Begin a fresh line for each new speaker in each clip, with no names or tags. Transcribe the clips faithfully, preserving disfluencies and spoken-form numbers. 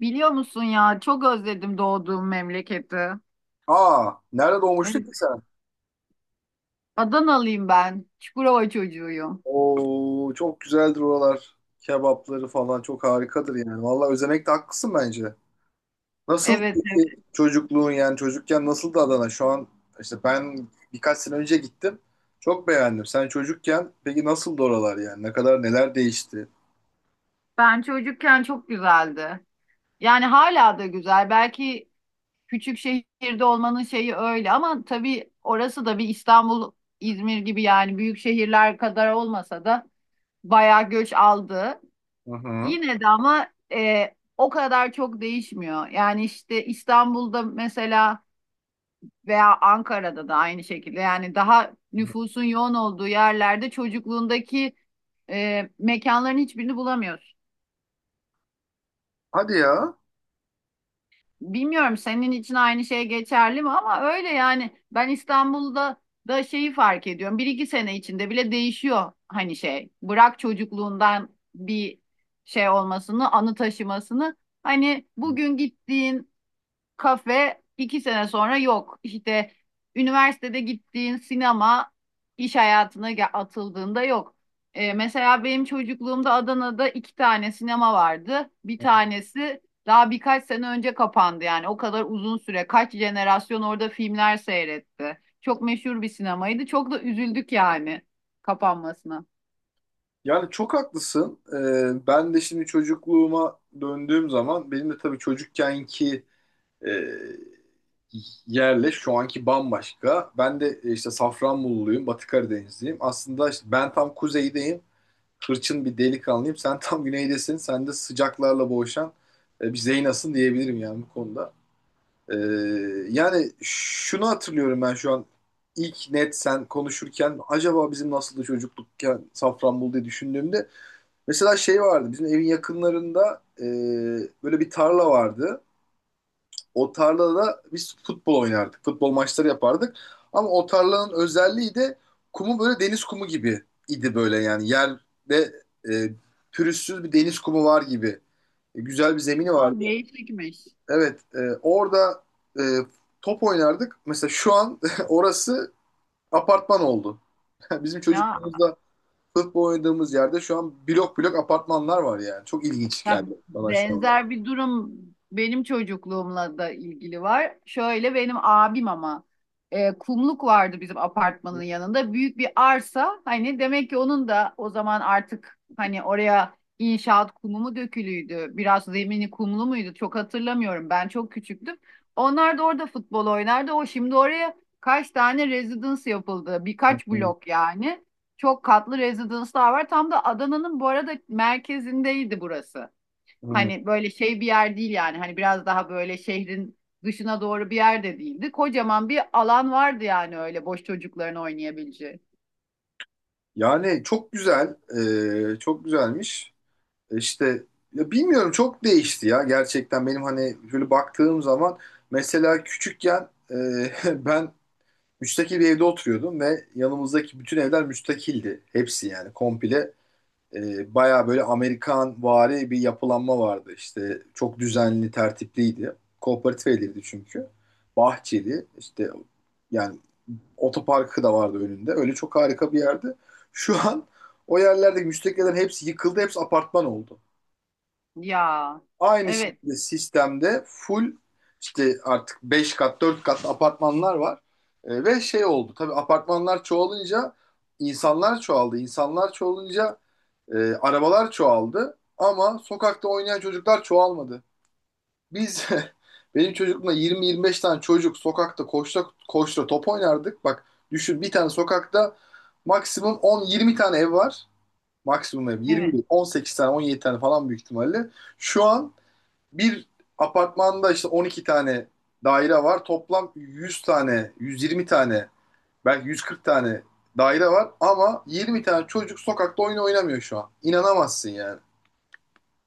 Biliyor musun ya çok özledim doğduğum memleketi.
Aa, nerede doğmuştun
Evet,
ki sen?
Adanalıyım ben. Çukurova çocuğuyum.
Oo, çok güzeldir oralar. Kebapları falan çok harikadır yani. Vallahi özenekte haklısın bence. Nasıl
Evet, evet.
peki çocukluğun yani çocukken nasıldı Adana? Şu an işte ben birkaç sene önce gittim. Çok beğendim. Sen çocukken peki nasıldı oralar yani? Ne kadar neler değişti?
Ben çocukken çok güzeldi. Yani hala da güzel. Belki küçük şehirde olmanın şeyi öyle ama tabii orası da bir İstanbul, İzmir gibi yani büyük şehirler kadar olmasa da bayağı göç aldı.
Hı hı.
Yine de ama e, o kadar çok değişmiyor. Yani işte İstanbul'da mesela veya Ankara'da da aynı şekilde yani daha nüfusun yoğun olduğu yerlerde çocukluğundaki e, mekanların hiçbirini bulamıyorsun.
Hadi ya.
Bilmiyorum senin için aynı şey geçerli mi ama öyle yani ben İstanbul'da da şeyi fark ediyorum. Bir iki sene içinde bile değişiyor hani şey. Bırak çocukluğundan bir şey olmasını, anı taşımasını. Hani bugün gittiğin kafe iki sene sonra yok. İşte üniversitede gittiğin sinema iş hayatına ge- atıldığında yok. Ee, mesela benim çocukluğumda Adana'da iki tane sinema vardı. Bir tanesi daha birkaç sene önce kapandı yani o kadar uzun süre kaç jenerasyon orada filmler seyretti. Çok meşhur bir sinemaydı. Çok da üzüldük yani kapanmasına.
Yani çok haklısın. Ee, ben de şimdi çocukluğuma döndüğüm zaman benim de tabii çocukkenki e, yerle şu anki bambaşka. Ben de e, işte Safranboluluyum, Batı Karadenizliyim. Aslında işte ben tam kuzeydeyim, hırçın bir delikanlıyım. Sen tam güneydesin, sen de sıcaklarla boğuşan e, bir Zeynas'ın diyebilirim yani bu konuda. E, yani şunu hatırlıyorum ben şu an ilk net sen konuşurken acaba bizim nasıldı çocuklukken Safranbolu diye düşündüğümde mesela şey vardı bizim evin yakınlarında, e, böyle bir tarla vardı. O tarlada biz futbol oynardık. Futbol maçları yapardık. Ama o tarlanın özelliği de kumu böyle deniz kumu gibi idi böyle yani. Yerde e, pürüzsüz bir deniz kumu var gibi. E, güzel bir zemini
Ha,
vardı.
değişikmiş.
Evet, e, orada e, top oynardık. Mesela şu an orası apartman oldu. Bizim
Ya
çocukluğumuzda futbol oynadığımız yerde şu an blok blok apartmanlar var yani. Çok ilginç
Ya
geldi bana şu an.
benzer bir durum benim çocukluğumla da ilgili var. Şöyle benim abim ama e, kumluk vardı bizim apartmanın yanında. Büyük bir arsa hani demek ki onun da o zaman artık hani oraya inşaat kumu mu dökülüydü? Biraz zemini kumlu muydu? Çok hatırlamıyorum. Ben çok küçüktüm. Onlar da orada futbol oynardı. O şimdi oraya kaç tane residence yapıldı? Birkaç
Hı
blok yani. Çok katlı residence'lar var. Tam da Adana'nın bu arada merkezindeydi burası.
hı.
Hani böyle şey bir yer değil yani. Hani biraz daha böyle şehrin dışına doğru bir yer de değildi. Kocaman bir alan vardı yani öyle boş çocukların oynayabileceği.
Yani çok güzel, e, çok güzelmiş. E İşte ya bilmiyorum, çok değişti ya gerçekten. Benim hani böyle baktığım zaman mesela küçükken, e, ben müstakil bir evde oturuyordum ve yanımızdaki bütün evler müstakildi. Hepsi, yani komple e, baya böyle Amerikan vari bir yapılanma vardı. İşte çok düzenli, tertipliydi. Kooperatif evlerdi çünkü. Bahçeli işte, yani otoparkı da vardı önünde. Öyle çok harika bir yerdi. Şu an o yerlerdeki müstakillerin hepsi yıkıldı. Hepsi apartman oldu.
Ya.
Aynı
Evet.
şekilde sistemde full, işte artık beş kat dört kat apartmanlar var. E, ve şey oldu. Tabii apartmanlar çoğalınca insanlar çoğaldı. İnsanlar çoğalınca e, arabalar çoğaldı. Ama sokakta oynayan çocuklar çoğalmadı. Biz benim çocukluğumda yirmi yirmi beş tane çocuk sokakta koşta koşta top oynardık. Bak düşün, bir tane sokakta maksimum on yirmi tane ev var. Maksimum ev yirmi
Evet.
değil, on sekiz tane on yedi tane falan büyük ihtimalle. Şu an bir apartmanda işte on iki tane daire var. Toplam yüz tane, yüz yirmi tane, belki yüz kırk tane daire var ama yirmi tane çocuk sokakta oyun oynamıyor şu an. İnanamazsın yani.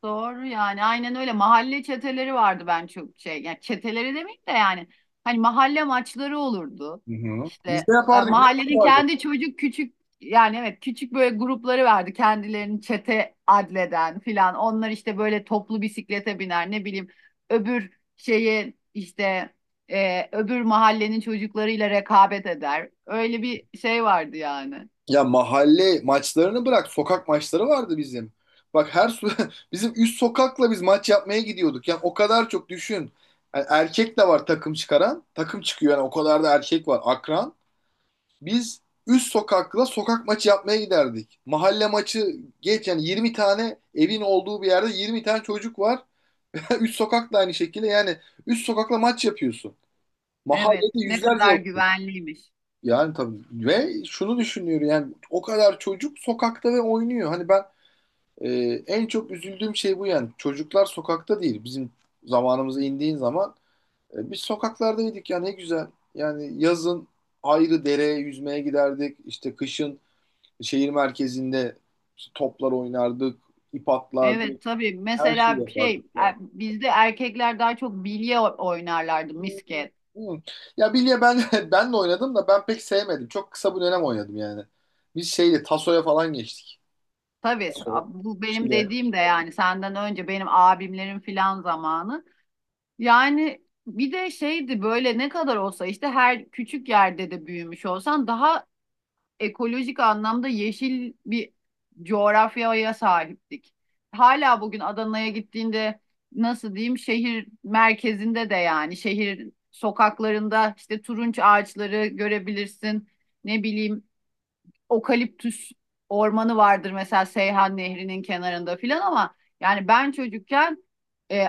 Doğru yani aynen öyle mahalle çeteleri vardı, ben çok şey yani çeteleri demeyeyim de yani hani mahalle maçları olurdu
Hı hı.
işte.
Biz de
E,
yapardık, biz de
mahallenin
yapardık.
kendi çocuk küçük yani evet küçük böyle grupları vardı, kendilerini çete adleden filan. Onlar işte böyle toplu bisiklete biner ne bileyim öbür şeyi işte, e, öbür mahallenin çocuklarıyla rekabet eder, öyle bir şey vardı yani.
Ya mahalle maçlarını bırak, sokak maçları vardı bizim. Bak her su bizim üst sokakla biz maç yapmaya gidiyorduk. Yani o kadar çok, düşün. Yani erkek de var takım çıkaran. Takım çıkıyor yani, o kadar da erkek var akran. Biz üst sokakla sokak maçı yapmaya giderdik. Mahalle maçı geç, yani yirmi tane evin olduğu bir yerde yirmi tane çocuk var. Üst sokak da aynı şekilde, yani üst sokakla maç yapıyorsun.
Evet,
Mahallede
ne
yüzlerce,
kadar güvenliymiş.
yani tabii. Ve şunu düşünüyor, yani o kadar çocuk sokakta ve oynuyor. Hani ben, e, en çok üzüldüğüm şey bu yani. Çocuklar sokakta değil. Bizim zamanımıza indiğin zaman, e, biz sokaklardaydık ya, ne güzel. Yani yazın ayrı dereye yüzmeye giderdik. İşte kışın şehir merkezinde işte toplar oynardık, ip atlardık,
Evet tabii
her şeyi
mesela şey,
yapardık yani.
e, bizde erkekler daha çok bilye o- oynarlardı,
Hı
misket.
hı. Ya bilye, ben ben de oynadım da ben pek sevmedim. Çok kısa bir dönem oynadım yani. Biz şeyle tasoya falan geçtik.
Tabii s-
Paso,
Bu benim
Şile.
dediğim de yani senden önce benim abimlerin filan zamanı. Yani bir de şeydi böyle ne kadar olsa işte her küçük yerde de büyümüş olsan daha ekolojik anlamda yeşil bir coğrafyaya sahiptik. Hala bugün Adana'ya gittiğinde nasıl diyeyim şehir merkezinde de yani şehir sokaklarında işte turunç ağaçları görebilirsin. Ne bileyim okaliptüs ormanı vardır mesela Seyhan Nehri'nin kenarında filan ama yani ben çocukken, e,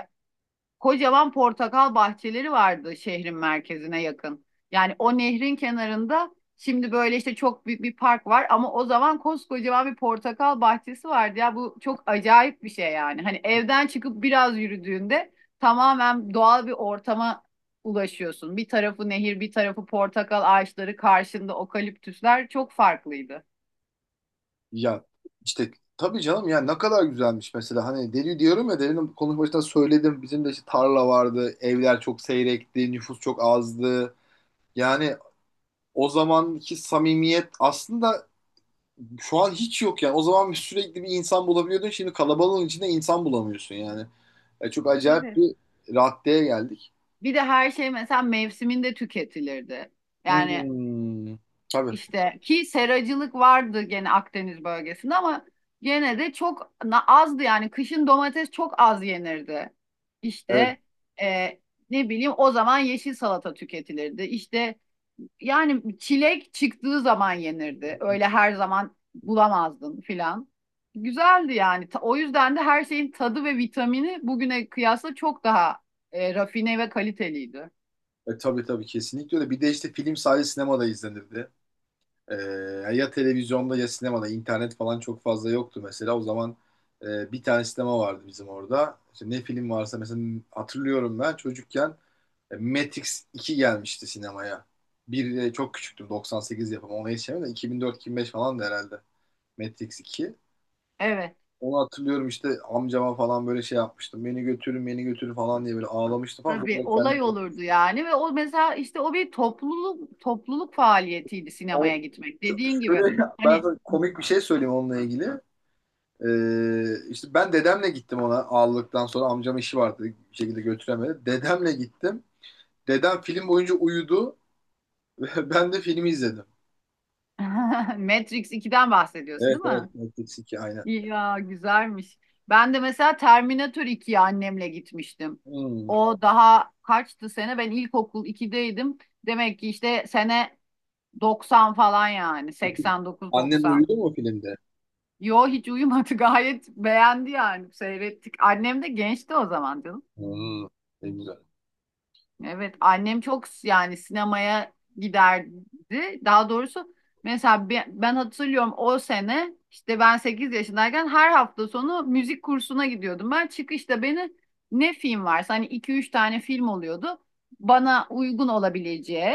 kocaman portakal bahçeleri vardı şehrin merkezine yakın. Yani o nehrin kenarında şimdi böyle işte çok büyük bir park var ama o zaman koskocaman bir portakal bahçesi vardı ya, bu çok acayip bir şey yani. Hani evden çıkıp biraz yürüdüğünde tamamen doğal bir ortama ulaşıyorsun. Bir tarafı nehir, bir tarafı portakal ağaçları, karşında okaliptüsler, çok farklıydı.
Ya işte tabii canım, ya ne kadar güzelmiş. Mesela hani deli diyorum ya, delinin konuşmasında söyledim, bizim de işte tarla vardı, evler çok seyrekti, nüfus çok azdı, yani o zamanki samimiyet aslında şu an hiç yok yani. O zaman sürekli bir insan bulabiliyordun, şimdi kalabalığın içinde insan bulamıyorsun yani. E, çok acayip
Evet.
bir raddeye geldik.
Bir de her şey mesela mevsiminde tüketilirdi. Yani
Hmm. Tabii,
İşte ki seracılık vardı gene Akdeniz bölgesinde ama gene de çok azdı yani kışın domates çok az yenirdi.
evet.
İşte e, ne bileyim o zaman yeşil salata tüketilirdi. İşte yani çilek çıktığı zaman yenirdi. Öyle her zaman bulamazdın filan. Güzeldi yani. Ta- O yüzden de her şeyin tadı ve vitamini bugüne kıyasla çok daha e, rafine ve kaliteliydi.
E, tabii tabii, kesinlikle öyle. Bir de işte film sadece sinemada izlenirdi. Ee, ya televizyonda ya sinemada, internet falan çok fazla yoktu mesela. O zaman e, bir tane sinema vardı bizim orada. İşte ne film varsa, mesela hatırlıyorum ben çocukken e, Matrix iki gelmişti sinemaya. Bir e, çok küçüktüm, doksan sekiz yapımı, ona yetişemem de, iki bin dört-iki bin beş falan da herhalde Matrix iki.
Evet.
Onu hatırlıyorum, işte amcama falan böyle şey yapmıştım. Beni götürün beni götürün falan diye böyle ağlamıştı falan.
Tabii
Sonra kendim...
olay olurdu yani ve o mesela işte o bir topluluk topluluk faaliyetiydi sinemaya
O,
gitmek. Dediğin gibi
şöyle, ben
hani.
sana komik bir şey söyleyeyim onunla ilgili. Ee, işte ben dedemle gittim. Ona ağladıktan sonra amcam, işi vardı, bir şekilde götüremedi. Dedemle gittim. Dedem film boyunca uyudu. Ben de filmi izledim.
Matrix ikiden bahsediyorsun,
Evet,
değil mi?
evet, Matrix iki aynen.
Ya güzelmiş. Ben de mesela Terminator ikiye annemle gitmiştim.
Hmm.
O daha kaçtı sene? Ben ilkokul ikideydim. Demek ki işte sene doksan falan, yani
Annen
seksen dokuz doksan.
uyudu mu filmde?
Yo, hiç uyumadı. Gayet beğendi yani, seyrettik. Annem de gençti o zaman canım.
Hmm, ne güzel.
Evet, annem çok s- yani sinemaya giderdi. Daha doğrusu mesela bi- ben hatırlıyorum o sene işte ben sekiz yaşındayken her hafta sonu müzik kursuna gidiyordum. Ben çıkışta beni, ne film varsa hani iki üç tane film oluyordu, bana uygun olabileceği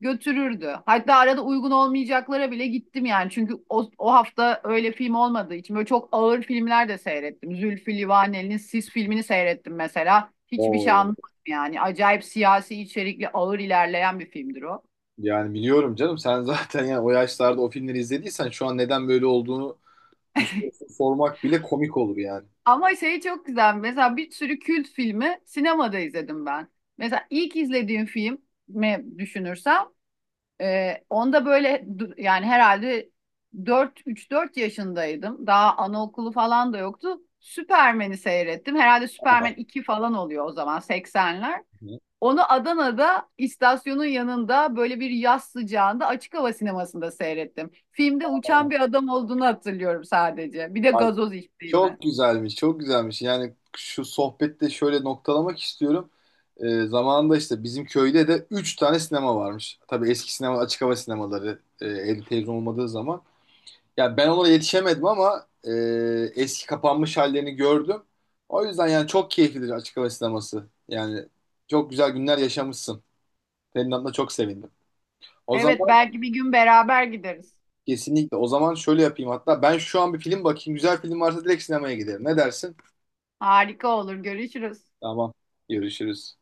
götürürdü. Hatta arada uygun olmayacaklara bile gittim yani. Çünkü o, o hafta öyle film olmadığı için böyle çok ağır filmler de seyrettim. Zülfü Livaneli'nin Sis filmini seyrettim mesela. Hiçbir şey,
Oo,
yani acayip siyasi içerikli ağır ilerleyen bir filmdir o.
yani biliyorum canım, sen zaten yani o yaşlarda o filmleri izlediysen şu an neden böyle olduğunu... Bu sorusu sormak bile komik olur yani.
Ama şey çok güzel, mesela bir sürü kült filmi sinemada izledim ben. Mesela ilk izlediğim film mi düşünürsem, e, onda böyle du- yani herhalde dört üç dört yaşındaydım. Daha anaokulu falan da yoktu. Superman'i seyrettim. Herhalde Superman iki falan oluyor o zaman, seksenler. Onu Adana'da istasyonun yanında böyle bir yaz sıcağında açık hava sinemasında seyrettim. Filmde uçan bir adam olduğunu hatırlıyorum sadece. Bir de
Aynen.
gazoz içtiğimi.
Çok güzelmiş, çok güzelmiş. Yani şu sohbette şöyle noktalamak istiyorum. Ee, zamanında işte bizim köyde de üç tane sinema varmış. Tabii eski sinema, açık hava sinemaları, e, evde televizyon olmadığı zaman. Yani ben ona yetişemedim ama e, eski kapanmış hallerini gördüm. O yüzden yani çok keyiflidir açık hava sineması. Yani çok güzel günler yaşamışsın. Senin adına çok sevindim. O
Evet,
zaman
belki bir gün beraber gideriz.
kesinlikle, o zaman şöyle yapayım hatta. Ben şu an bir film bakayım. Güzel film varsa direkt sinemaya giderim. Ne dersin?
Harika olur. Görüşürüz.
Tamam, görüşürüz.